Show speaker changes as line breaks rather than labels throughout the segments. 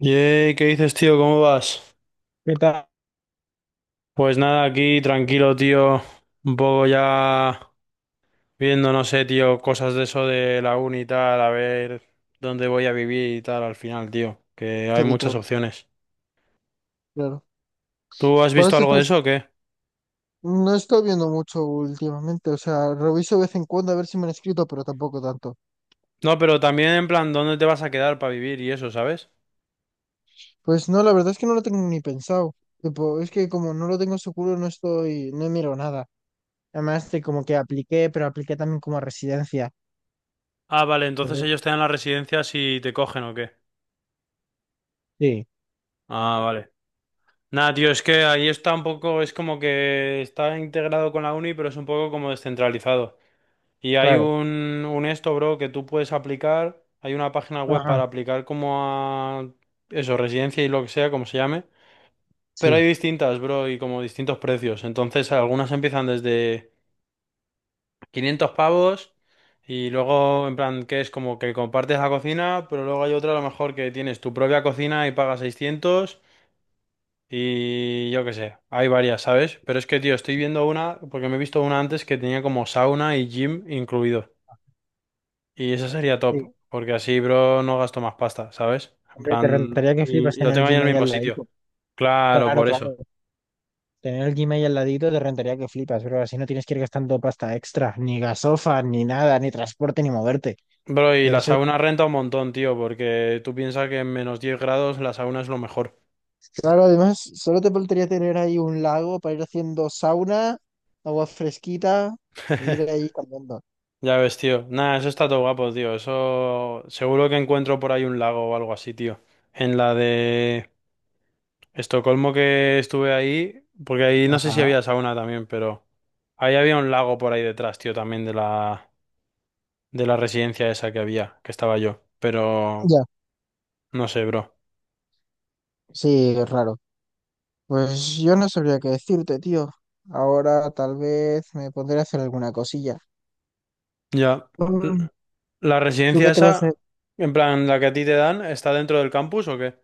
Yey, ¿qué dices, tío? ¿Cómo vas?
¿Qué tal?
Pues nada, aquí tranquilo, tío. Un poco ya viendo, no sé, tío, cosas de eso de la uni y tal, a ver dónde voy a vivir y tal al final, tío. Que hay
Y
muchas
todo,
opciones.
claro.
¿Tú has
Por
visto
eso
algo de
estás,
eso o qué?
no estoy viendo mucho últimamente, o sea, reviso de vez en cuando a ver si me han escrito, pero tampoco tanto.
No, pero también en plan, ¿dónde te vas a quedar para vivir y eso, sabes?
Pues no, la verdad es que no lo tengo ni pensado. Tipo, es que como no lo tengo seguro, no estoy, no miro nada. Además, de como que apliqué, pero apliqué también como a residencia.
Ah, vale, entonces
Entonces,
ellos te dan la residencia si te cogen o qué.
sí,
Ah, vale. Nada, tío, es que ahí está un poco, es como que está integrado con la uni, pero es un poco como descentralizado. Y hay
claro.
un esto, bro, que tú puedes aplicar. Hay una página web para
Ajá,
aplicar como a eso, residencia y lo que sea, como se llame. Pero hay
sí,
distintas, bro, y como distintos precios. Entonces, algunas empiezan desde 500 pavos y luego, en plan, que es como que compartes la cocina, pero luego hay otra a lo mejor que tienes tu propia cocina y pagas 600 y yo qué sé. Hay varias, ¿sabes? Pero es que, tío, estoy
sí,
viendo una, porque me he visto una antes que tenía como sauna y gym incluidos. Y eso sería
sí.
top, porque así, bro, no gasto más pasta, ¿sabes? En
Hombre, te
plan,
rentaría que flipas
y
en
lo
el
tengo ahí en el
Gmail
mismo
al
sitio.
ladito.
Claro,
Claro,
por eso.
claro. Tener el Gmail al ladito te rentaría que flipas, pero así no tienes que ir gastando pasta extra, ni gasofa, ni nada, ni transporte, ni moverte.
Bro, y la
Eso es-
sauna renta un montón, tío, porque tú piensas que en -10 grados la sauna es lo mejor.
Claro, además, solo te faltaría tener ahí un lago para ir haciendo sauna, agua fresquita, y ir ahí cambiando.
Ya ves, tío. Nada, eso está todo guapo, tío. Eso seguro que encuentro por ahí un lago o algo así, tío. En la de Estocolmo que estuve ahí, porque ahí no sé si
Ajá.
había sauna también, pero ahí había un lago por ahí detrás, tío, también de la residencia esa que había, que estaba yo. Pero
Ya,
no sé, bro.
sí, es raro. Pues yo no sabría qué decirte, tío. Ahora tal vez me pondré a hacer alguna cosilla.
Ya. L-
Mm.
¿La
¿Tú
residencia
qué te vas a...
esa, en plan, la que a ti te dan, está dentro del campus o qué?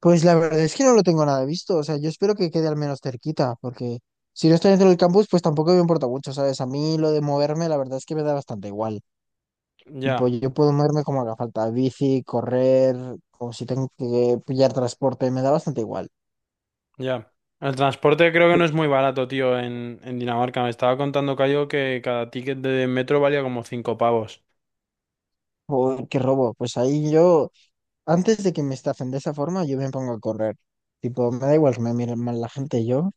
Pues la verdad es que no lo tengo nada visto, o sea, yo espero que quede al menos cerquita, porque si no estoy dentro del campus, pues tampoco me importa mucho, ¿sabes? A mí lo de moverme, la verdad es que me da bastante igual. Tipo,
Ya,
yo puedo moverme como haga falta, bici, correr, o si tengo que pillar transporte, me da bastante igual.
ya. El transporte creo que no es muy barato, tío, en Dinamarca. Me estaba contando Cayo que cada ticket de metro valía como 5 pavos.
Tipo, ¿qué robo? Pues ahí yo, antes de que me estafen de esa forma, yo me pongo a correr. Tipo, me da igual que me miren mal la gente, yo.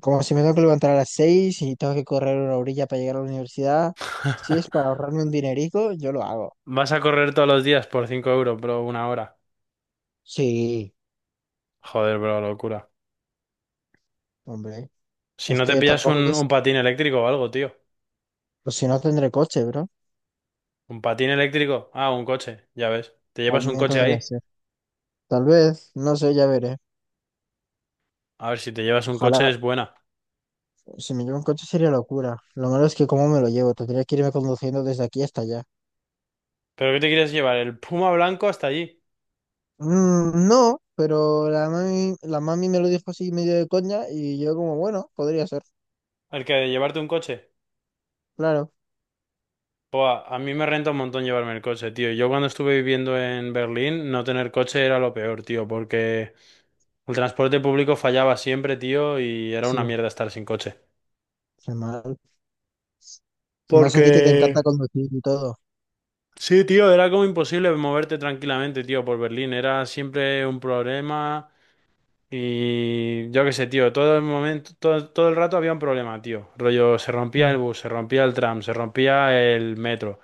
Como si me tengo que levantar a las 6 y tengo que correr una orilla para llegar a la universidad, si es para ahorrarme un dinerico, yo lo hago.
Vas a correr todos los días por 5 euros, bro, una hora.
Sí,
Joder, bro, locura.
hombre.
Si
Es
no te
que
pillas
tampoco
un,
es,
un patín eléctrico o algo, tío.
pues si no tendré coche, bro.
Un patín eléctrico. Ah, un coche, ya ves. Te llevas un
También
coche
podría
ahí.
ser. Tal vez, no sé, ya veré.
A ver, si te llevas un coche
Ojalá,
es buena.
si me llevo un coche sería locura. Lo malo es que cómo me lo llevo, tendría que irme conduciendo desde aquí hasta allá.
¿Pero qué te quieres llevar? ¿El Puma blanco hasta allí?
No, pero la mami me lo dijo así medio de coña y yo como, bueno, podría ser.
¿El que de llevarte un coche?
Claro,
Buah, a mí me renta un montón llevarme el coche, tío. Yo cuando estuve viviendo en Berlín, no tener coche era lo peor, tío, porque el transporte público fallaba siempre, tío, y era
sí,
una mierda estar sin coche.
qué mal. Más a ti que te encanta
Porque...
conducir y todo.
Sí, tío, era como imposible moverte tranquilamente, tío, por Berlín. Era siempre un problema. Y yo qué sé, tío, todo el momento, todo, todo el rato había un problema, tío. Rollo, se rompía
Mm,
el bus, se rompía el tram, se rompía el metro,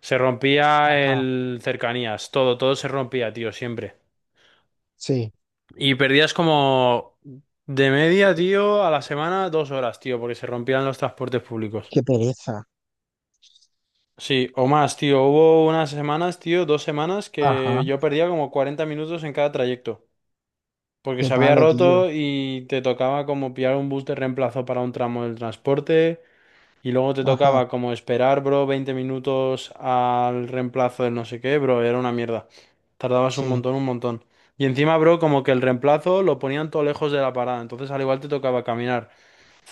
se rompía
ajá,
el cercanías, todo, todo se rompía, tío, siempre.
sí,
Y perdías como de media, tío, a la semana 2 horas, tío, porque se rompían los transportes públicos.
qué pereza.
Sí, o más, tío. Hubo unas semanas, tío, dos semanas
Ajá,
que yo perdía como 40 minutos en cada trayecto. Porque
qué
se había
palo, tío.
roto y te tocaba como pillar un bus de reemplazo para un tramo del transporte y luego te
Ajá,
tocaba como esperar, bro, 20 minutos al reemplazo del no sé qué, bro, era una mierda. Tardabas un
sí,
montón, un montón. Y encima, bro, como que el reemplazo lo ponían todo lejos de la parada, entonces al igual te tocaba caminar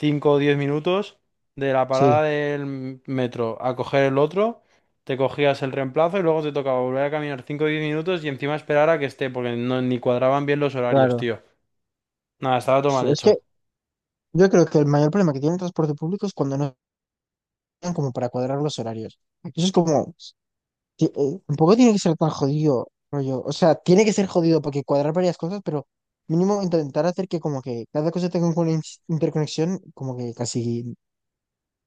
5 o 10 minutos de la
sí.
parada del metro a coger el otro. Te cogías el reemplazo y luego te tocaba volver a caminar 5 o 10 minutos y encima esperar a que esté, porque no, ni cuadraban bien los horarios,
Claro.
tío. Nada, estaba todo mal
Es que
hecho.
yo creo que el mayor problema que tiene el transporte público es cuando no tienen como para cuadrar los horarios. Eso es como, tampoco tiene que ser tan jodido, rollo. O sea, tiene que ser jodido porque cuadrar varias cosas, pero mínimo intentar hacer que como que cada cosa tenga una interconexión, como que casi,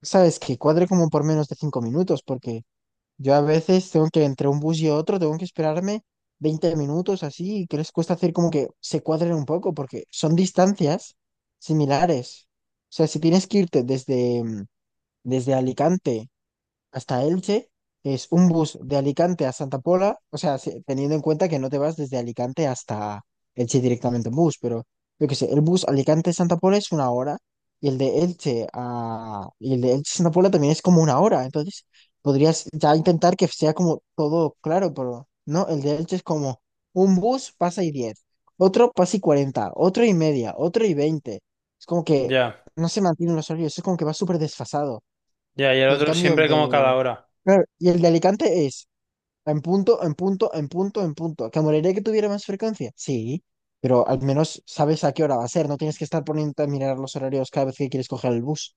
sabes, que cuadre como por menos de 5 minutos, porque yo a veces tengo que entre un bus y otro, tengo que esperarme 20 minutos así, y que les cuesta hacer como que se cuadren un poco, porque son distancias similares. O sea, si tienes que irte desde, desde Alicante hasta Elche, es un bus de Alicante a Santa Pola, o sea, teniendo en cuenta que no te vas desde Alicante hasta Elche directamente en bus, pero yo qué sé, el bus Alicante-Santa Pola es una hora y el de Elche-Santa Pola también es como una hora, entonces podrías ya intentar que sea como todo claro, pero no, el de Elche es como un bus pasa y 10, otro pasa y 40, otro y media, otro y veinte. Es como que
Ya,
no se mantienen los horarios, es como que va súper desfasado.
ya, y el
Y en
otro
cambio el
siempre como
de
cada hora.
Claro, y el de Alicante es en punto, en punto, en punto, en punto. ¿Que moriría que tuviera más frecuencia? Sí, pero al menos sabes a qué hora va a ser. No tienes que estar poniendo a mirar los horarios cada vez que quieres coger el bus.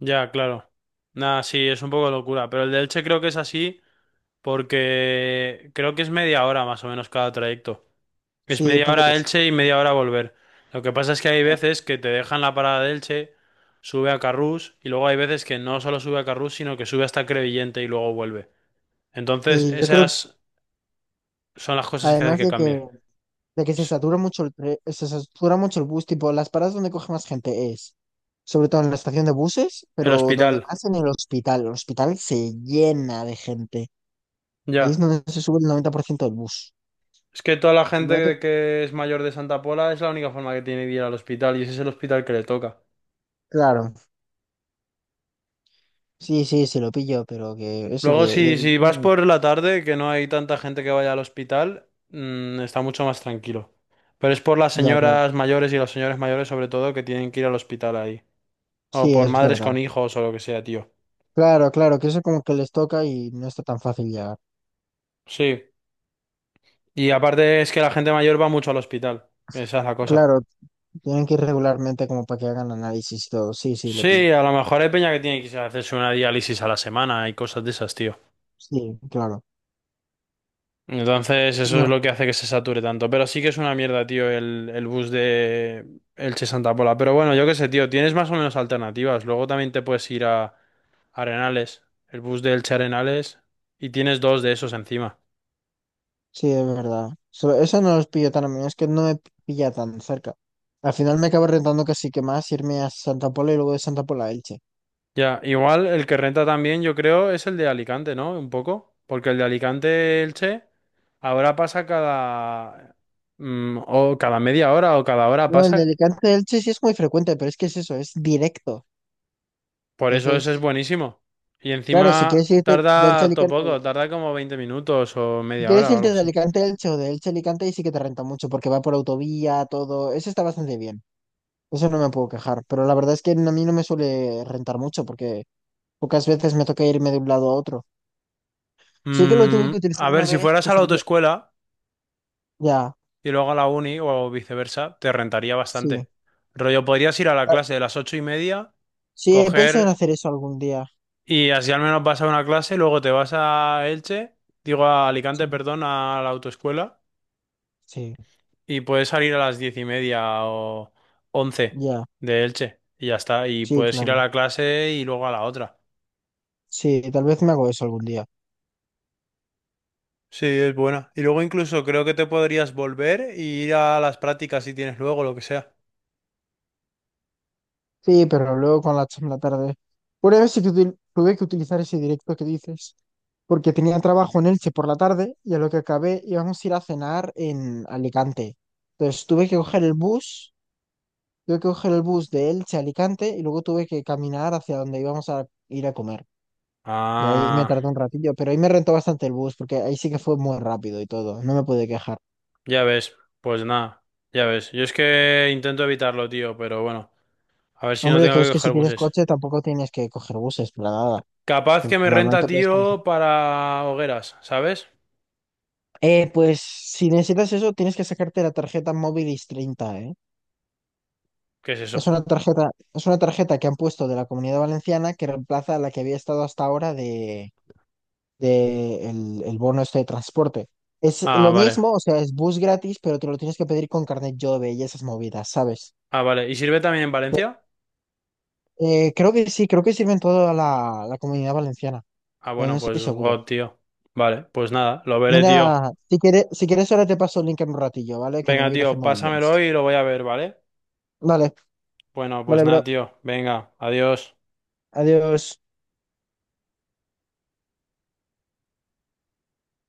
Ya, claro. Nada, sí, es un poco locura. Pero el de Elche creo que es así porque creo que es media hora más o menos cada trayecto. Es
Sí,
media hora a
puedes.
Elche y media hora a volver. Lo que pasa es que hay
No.
veces que te dejan la parada de Elche, sube a Carrús y luego hay veces que no solo sube a Carrús, sino que sube hasta Crevillente y luego vuelve. Entonces,
Sí, yo creo,
esas son las cosas que hace
además
que
de
cambie.
que, de que se satura mucho el bus, tipo, las paradas donde coge más gente es, sobre todo en la estación de buses,
El
pero donde
hospital,
más en el hospital. El hospital se llena de gente. Ahí es
ya.
donde se sube el 90% del bus.
Es que toda la
Y no te-
gente que es mayor de Santa Pola es la única forma que tiene de ir al hospital y ese es el hospital que le toca.
Claro. Sí, sí, se lo pilló, pero que eso que...
Luego, si, si vas por la tarde, que no hay tanta gente que vaya al hospital, está mucho más tranquilo. Pero es por las
Ya, claro.
señoras mayores y los señores mayores sobre todo que tienen que ir al hospital ahí. O
Sí,
por
es
madres con
verdad.
hijos o lo que sea, tío.
Claro, claro, que eso como que les toca y no está tan fácil llegar.
Sí. Y aparte es que la gente mayor va mucho al hospital. Esa es la cosa.
Claro, tienen que ir regularmente como para que hagan análisis y todo. Sí, sí, lo pillo.
Sí, a lo mejor hay peña que tiene que irse a hacerse una diálisis a la semana y cosas de esas, tío.
Sí, claro.
Entonces, eso
No,
es lo
no.
que hace que se sature tanto. Pero sí que es una mierda, tío, el bus de Elche Santa Pola. Pero bueno, yo qué sé, tío, tienes más o menos alternativas. Luego también te puedes ir a Arenales, el bus de Elche Arenales, y tienes dos de esos encima.
Sí, es verdad. Eso no los pillo tan a mí, es que no me pilla tan cerca. Al final me acabo rentando casi que más irme a Santa Pola y luego de Santa Pola a Elche.
Ya, igual el que renta también, yo creo, es el de Alicante, ¿no? Un poco. Porque el de Alicante Elche ahora pasa cada. O cada media hora o cada hora
No, el de
pasa.
Alicante a Elche sí es muy frecuente, pero es que es eso, es directo.
Por eso eso es
Entonces,
buenísimo. Y
claro, si
encima
quieres irte de Elche a
tarda todo
Alicante
poco, tarda como 20 minutos o
si
media
quieres
hora o algo
irte de
así.
Alicante a Elche o de Elche a Alicante, ahí sí que te renta mucho porque va por autovía, todo. Eso está bastante bien. Eso no me puedo quejar. Pero la verdad es que a mí no me suele rentar mucho porque pocas veces me toca irme de un lado a otro. Sí que lo tuve
Mm,
que utilizar
a
una
ver, si
vez
fueras
que
a la
salía.
autoescuela
Ya,
y luego a la uni o viceversa, te rentaría
sí.
bastante. Rollo, podrías ir a la
Ah,
clase de las 8:30,
sí, he pensado en hacer
coger
eso algún día.
y así al menos vas a una clase, luego te vas a Elche, digo a Alicante,
Sí,
perdón, a la autoescuela
sí,
y puedes salir a las 10:30 o 11
ya,
de Elche y ya está. Y
sí,
puedes ir a
claro.
la clase y luego a la otra.
Sí, tal vez me hago eso algún día.
Sí, es buena. Y luego incluso creo que te podrías volver y ir a las prácticas si tienes luego, lo que sea.
Sí, pero luego con la en la tarde. Una vez sí que tuve que utilizar ese directo que dices, porque tenía trabajo en Elche por la tarde y a lo que acabé íbamos a ir a cenar en Alicante. Entonces tuve que coger el bus, de Elche a Alicante y luego tuve que caminar hacia donde íbamos a ir a comer. Y ahí me
Ah,
tardé un ratillo, pero ahí me rentó bastante el bus, porque ahí sí que fue muy rápido y todo, no me pude quejar.
ya ves, pues nada, ya ves. Yo es que intento evitarlo, tío, pero bueno, a ver si no
Hombre,
tengo
tú es
que
que si
coger
tienes
buses.
coche tampoco tienes que coger buses, para nada.
Capaz que me renta,
Normalmente puedes comer.
tío, para hogueras, ¿sabes?
Pues si necesitas eso, tienes que sacarte la tarjeta Movilis 30, ¿eh?
¿Qué es eso?
Es una tarjeta que han puesto de la Comunidad Valenciana que reemplaza a la que había estado hasta ahora de el bono este de transporte. Es
Ah,
lo
vale.
mismo, o sea, es bus gratis, pero te lo tienes que pedir con carnet Jove y esas movidas, ¿sabes?
Ah, vale. ¿Y sirve también en
Pues,
Valencia?
Creo que sí, creo que sirve en toda la Comunidad Valenciana,
Ah,
pero no
bueno,
estoy
pues
seguro.
God, tío. Vale, pues nada, lo veré, tío.
Mira, si quieres ahora te paso el link en un ratillo, ¿vale? Que me
Venga,
voy a ir a hacer
tío, pásamelo
movidas.
y lo voy a ver, ¿vale?
Vale,
Bueno, pues
vale,
nada,
bro.
tío. Venga, adiós.
Adiós.